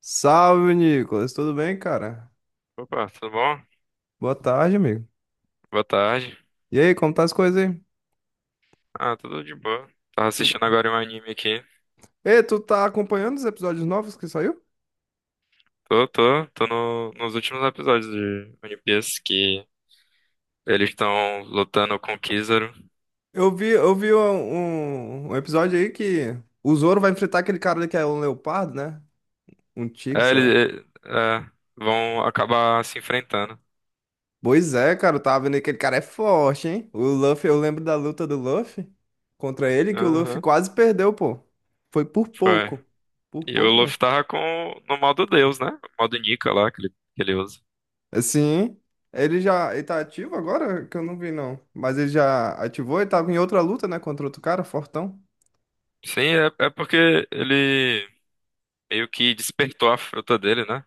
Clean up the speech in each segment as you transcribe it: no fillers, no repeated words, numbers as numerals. Salve, Nicolas. Tudo bem, cara? Opa, tudo bom? Boa tarde, amigo. Boa tarde. E aí, como tá as coisas aí? Ah, tudo de boa. Tava assistindo agora um anime aqui. Ei, tu tá acompanhando os episódios novos que saiu? Tô. Tô nos últimos episódios de One Piece, que eles estão lutando com o Kizaru. Eu vi um, um episódio aí que o Zoro vai enfrentar aquele cara ali que é um leopardo, né? Um tigre, É, sei lá. eles vão acabar se enfrentando. Pois é, cara, eu tava vendo que aquele cara é forte, hein? O Luffy, eu lembro da luta do Luffy contra ele, que o Luffy Aham. quase perdeu, pô. Foi por Foi. pouco. Por E o pouco mesmo. Luffy tava com, no modo Deus, né? O modo Nika lá que ele usa. Sim. Ele já. Ele tá ativo agora? Que eu não vi, não. Mas ele já ativou e tava em outra luta, né? Contra outro cara, Fortão. Sim, porque ele meio que despertou a fruta dele, né?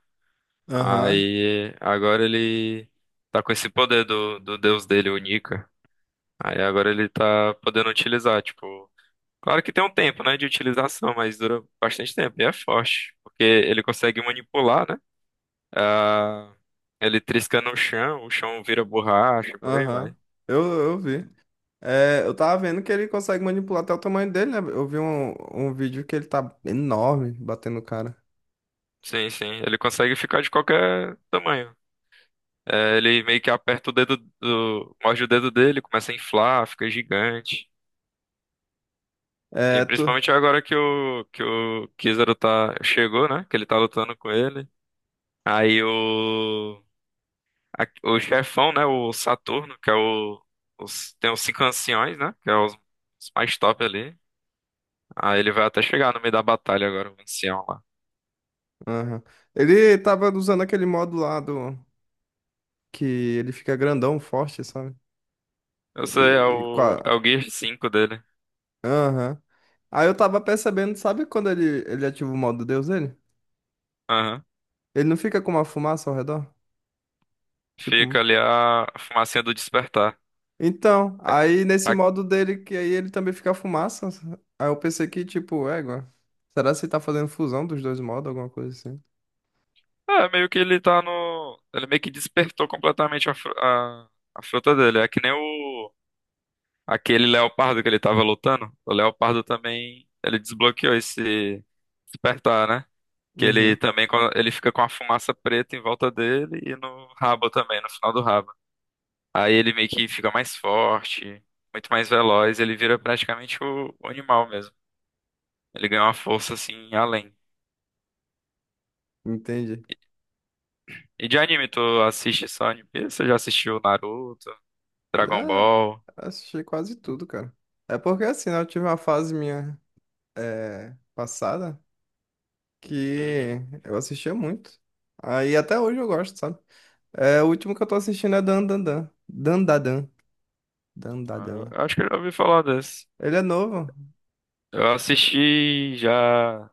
Aham. Aí agora ele tá com esse poder do deus dele, o Nika. Aí agora ele tá podendo utilizar, tipo. Claro que tem um tempo, né, de utilização, mas dura bastante tempo e é forte. Porque ele consegue manipular, né? Ah, ele trisca no chão, o chão vira borracha, por aí Aham. vai. Eu vi. É, eu tava vendo que ele consegue manipular até o tamanho dele, né? Eu vi um, um vídeo que ele tá enorme batendo o cara. Sim, sim. Ele consegue ficar de qualquer tamanho. É, ele meio que aperta o dedo do. Morde o dedo dele, começa a inflar, fica gigante. E É, tu. principalmente agora que o Kizaru tá, chegou, né? Que ele tá lutando com ele. Aí o, o chefão, né? O Saturno, que é o, os- tem os cinco anciões, né? Que é os mais top ali. Aí ele vai até chegar no meio da batalha agora, o ancião lá. Aham. Ele tava usando aquele modo lá do. Que ele fica grandão, forte, sabe? Eu sei, E com a. é o Gear 5 dele. Aham. Aí eu tava percebendo, sabe quando ele ativa o modo Deus dele? Aham. Ele não fica com uma fumaça ao redor? Fica Tipo. ali a fumacinha do despertar. Então, É, aí nesse A- modo dele, que aí ele também fica fumaça. Aí eu pensei que, tipo, égua. Será que você tá fazendo fusão dos dois modos, alguma coisa assim? É, meio que ele tá no. Ele meio que despertou completamente a fruta dele. É que nem o. Aquele leopardo que ele tava lutando, o leopardo também, ele desbloqueou esse despertar, né? Que ele Uhum, também, ele fica com a fumaça preta em volta dele e no rabo também, no final do rabo. Aí ele meio que fica mais forte, muito mais veloz, ele vira praticamente o animal mesmo. Ele ganha uma força assim além. entendi. E de anime, tu assiste só One Piece? Você já assistiu Naruto, Dragon Já Ball? assisti quase tudo, cara. É porque assim, né, eu tive uma fase minha passada Uhum. que eu assistia muito. Aí até hoje eu gosto, sabe? É, o último que eu tô assistindo é Dan Dan Dan. Dan Dan Dan. Dan Dan Ah, Eu Dan. eu acho que eu já ouvi falar desse. Ele é novo. Eu assisti já.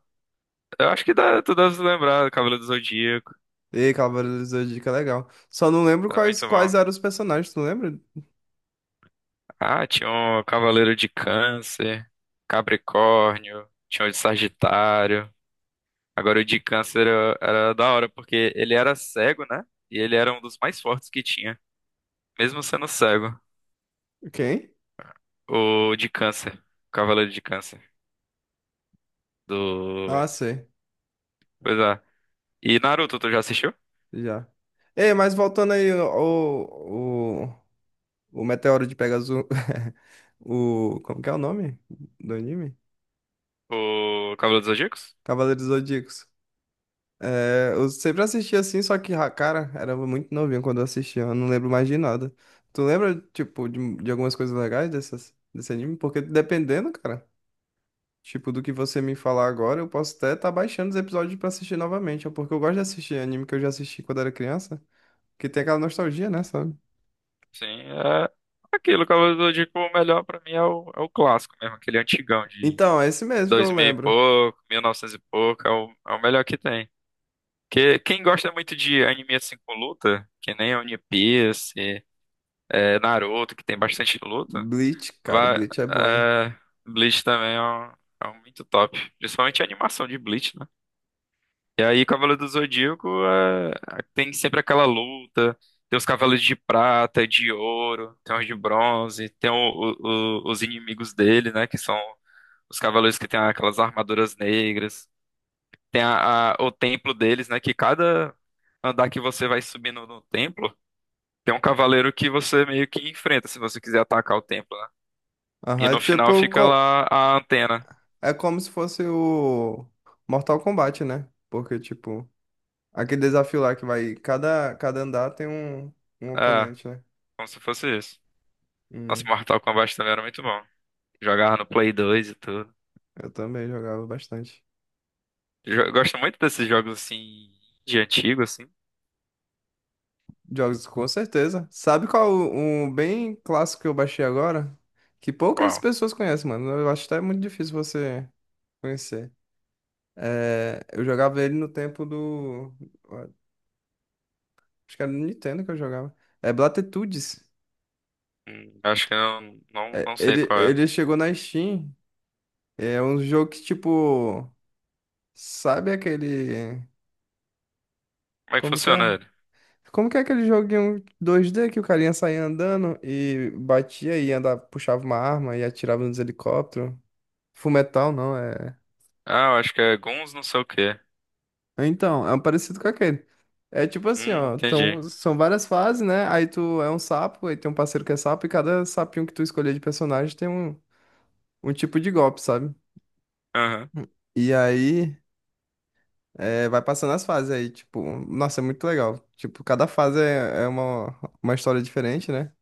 Eu acho que dá, tu deve se lembrar do Cavaleiro do Zodíaco. E Cavaleiros do Zodíaco é legal. Só não lembro Era quais, muito quais bom. eram os personagens, tu lembra? Ah, tinha um Cavaleiro de Câncer, Capricórnio, tinha o de Sagitário. Agora o de Câncer era da hora, porque ele era cego, né? E ele era um dos mais fortes que tinha. Mesmo sendo cego, Quem? o de Câncer. O Cavaleiro de Câncer. Ah, Do. sei. Pois é. E Naruto, tu já assistiu? Já. Ei, mas voltando aí, o Meteoro de Pegasus. O. Como que é o nome do anime? O Cavaleiro dos Zodíacos? Cavaleiros do Zodíacos. É, eu sempre assisti assim, só que, ah, cara, era muito novinho quando eu assistia, eu não lembro mais de nada. Tu lembra, tipo, de algumas coisas legais dessas, desse anime? Porque dependendo, cara. Tipo, do que você me falar agora, eu posso até estar baixando os episódios pra assistir novamente, ó, porque eu gosto de assistir anime que eu já assisti quando era criança, que tem aquela nostalgia, né, sabe? Sim, é aquilo. O Cavaleiro do Zodíaco, o melhor pra mim é o clássico mesmo, aquele antigão de. Então, é esse mesmo que Dois eu mil e lembro. pouco, mil e novecentos e pouco, é o melhor que tem. Que, quem gosta muito de anime assim com luta, que nem One Piece, é, Naruto, que tem bastante luta, Bleach, cara, vai, Bleach é bom, hein? é, Bleach também é um muito top. Principalmente a animação de Bleach, né? E aí Cavaleiro do Zodíaco é, tem sempre aquela luta, tem os cavaleiros de prata, de ouro, tem os de bronze, tem os inimigos dele, né? Que são os cavaleiros que têm aquelas armaduras negras. Tem o templo deles, né? Que cada andar que você vai subindo no templo, tem um cavaleiro que você meio que enfrenta se você quiser atacar o templo, né? E Aham, é no final tipo, fica co- lá a antena. é como se fosse o Mortal Kombat, né? Porque, tipo, aquele desafio lá que vai, cada, cada andar tem um, um É, oponente, né? como se fosse isso. Nossa, Hum, Mortal Kombat também era muito bom. Jogava no Play 2 e tudo. eu também jogava bastante. Gosto muito desses jogos assim, de antigo, assim. Jogos, com certeza. Sabe qual um bem clássico que eu baixei agora? Que poucas Qual? pessoas conhecem, mano. Eu acho até muito difícil você conhecer. É, eu jogava ele no tempo do. Acho que era no Nintendo que eu jogava. É Blatitudes. Acho que eu É, não sei ele, qual é. ele chegou na Steam. É um jogo que, tipo. Sabe aquele. Como é que Como que funciona é? ele? Como que é aquele joguinho 2D que o carinha saía andando e batia e andava, puxava uma arma e atirava nos helicópteros? Fullmetal não, é. Ah, eu acho que é Guns não sei o quê. Então, é um parecido com aquele. É tipo assim, ó. Entendi. Então, são várias fases, né? Aí tu é um sapo, aí tem um parceiro que é sapo, e cada sapinho que tu escolher de personagem tem um, um tipo de golpe, sabe? Aham. E aí é, vai passando as fases aí, tipo, nossa, é muito legal. Tipo, cada fase é, é uma história diferente, né?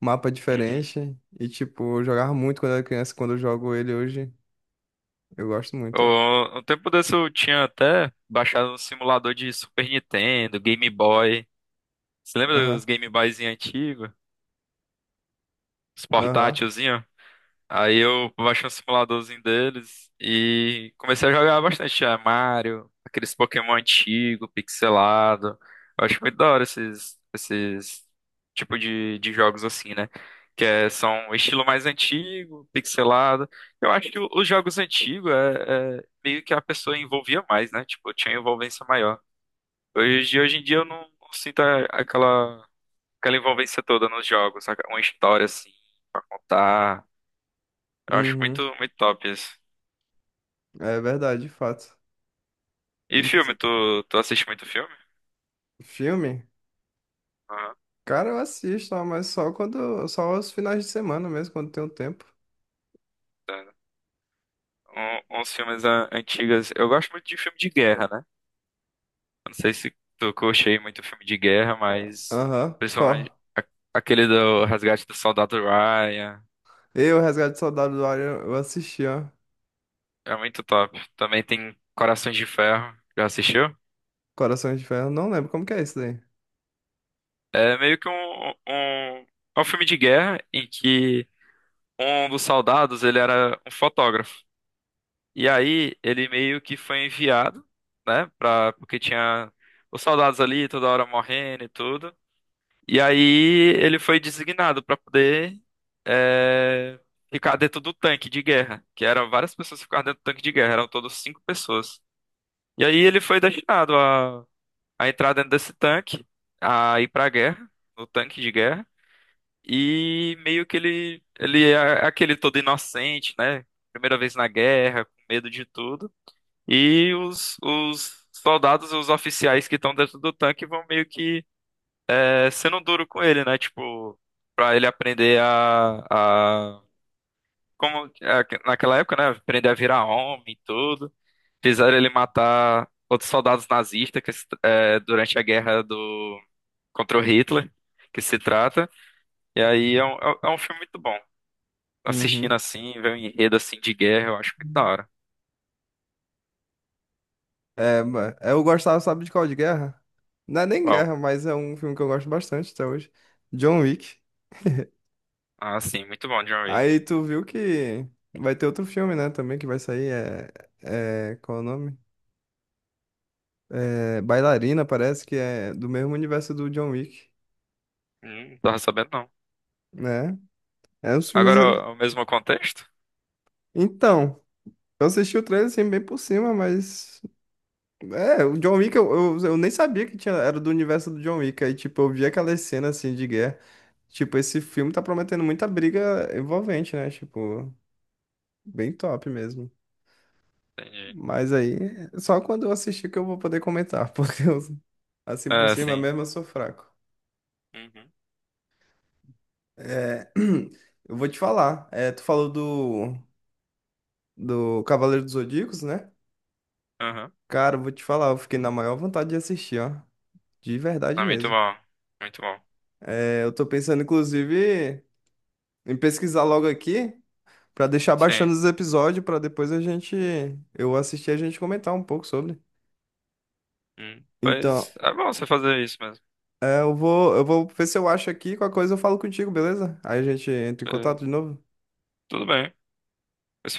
Mapa Uhum. diferente. E, tipo, eu jogava muito quando era criança, quando eu jogo ele hoje, eu gosto muito, ó. Um tempo desse eu tinha até baixado um simulador de Super Nintendo, Game Boy. Você lembra Aham, dos Game Boyzinho antigos? Os aham. portátilzinho? Aí eu baixei um simuladorzinho deles e comecei a jogar bastante. É, Mario, aqueles Pokémon antigo, pixelado. Eu acho muito da hora esses tipo de jogos assim, né? Que é, são um estilo mais antigo, pixelado. Eu acho que os jogos antigos é meio que a pessoa envolvia mais, né? Tipo, tinha envolvência maior. Hoje em dia eu não sinto aquela envolvência toda nos jogos, saca? Uma história assim, contar. Eu acho muito, Uhum. muito top isso. É verdade, de fato. E filme, tu assiste muito filme? Filme? Aham. Cara, eu assisto, ó, mas só quando, só aos finais de semana mesmo, quando tem um tempo. Uns filmes antigos. Eu gosto muito de filme de guerra, né? Eu não sei se tu curte aí muito filme de guerra, mas Aham, principalmente qual? Aquele do Resgate do Soldado Ryan. Eu, Resgate do Soldado do Ar, eu assisti, ó. É muito top. Também tem Corações de Ferro. Já assistiu? Corações de Ferro, não lembro como que é isso daí. É meio que é um filme de guerra em que um dos soldados ele era um fotógrafo. E aí ele meio que foi enviado, né? Pra, porque tinha os soldados ali toda hora morrendo e tudo. E aí ele foi designado pra poder é, ficar dentro do tanque de guerra, que eram várias pessoas que ficavam dentro do tanque de guerra, eram todos cinco pessoas. E aí ele foi destinado a entrar dentro desse tanque, a ir pra guerra, no tanque de guerra. E meio que ele é aquele todo inocente, né? Primeira vez na guerra, com medo de tudo. E os soldados, os oficiais que estão dentro do tanque vão meio que sendo duro com ele, né? Tipo, pra ele aprender a como é, naquela época, né? Aprender a virar homem e tudo. Fizeram ele matar outros soldados nazistas que, durante a guerra do contra o Hitler, que se trata. E aí é um, é um filme muito bom. Assistindo Uhum. assim, ver um enredo assim de guerra, eu acho muito da hora. É, ma- eu gostava, sabe de qual? De guerra? Não é nem Qual? guerra, mas é um filme que eu gosto bastante até hoje. John Wick. Ah, sim, muito bom, John Wick. Aí tu viu que vai ter outro filme, né, também que vai sair, é... é qual é o nome? É, Bailarina, parece que é do mesmo universo do John Wick, Não tava sabendo não. né? É, os filmes. Agora, É, é o mesmo contexto? Então, eu assisti o trailer assim, bem por cima, mas. É, o John Wick, eu nem sabia que tinha, era do universo do John Wick. Aí, tipo, eu vi aquelas cenas assim de guerra. Tipo, esse filme tá prometendo muita briga envolvente, né? Tipo, bem top mesmo. Entendi. Mas aí, só quando eu assistir que eu vou poder comentar, porque eu- assim por É, cima sim. mesmo eu sou fraco. Uhum. É, eu vou te falar. É, tu falou do, do Cavaleiro dos Zodíacos, né? Uhum. Cara, eu vou te falar, eu fiquei na maior vontade de assistir, ó. De verdade Ah, muito mesmo. bom. Muito bom. É, eu tô pensando, inclusive, em pesquisar logo aqui pra deixar baixando Sim. os episódios pra depois a gente eu assistir e a gente comentar um pouco sobre. Hum. Mas Então, é bom você fazer isso mesmo. é, eu vou ver se eu acho aqui, qualquer coisa eu falo contigo, beleza? Aí a gente entra em contato É, de novo. tudo bem. Mas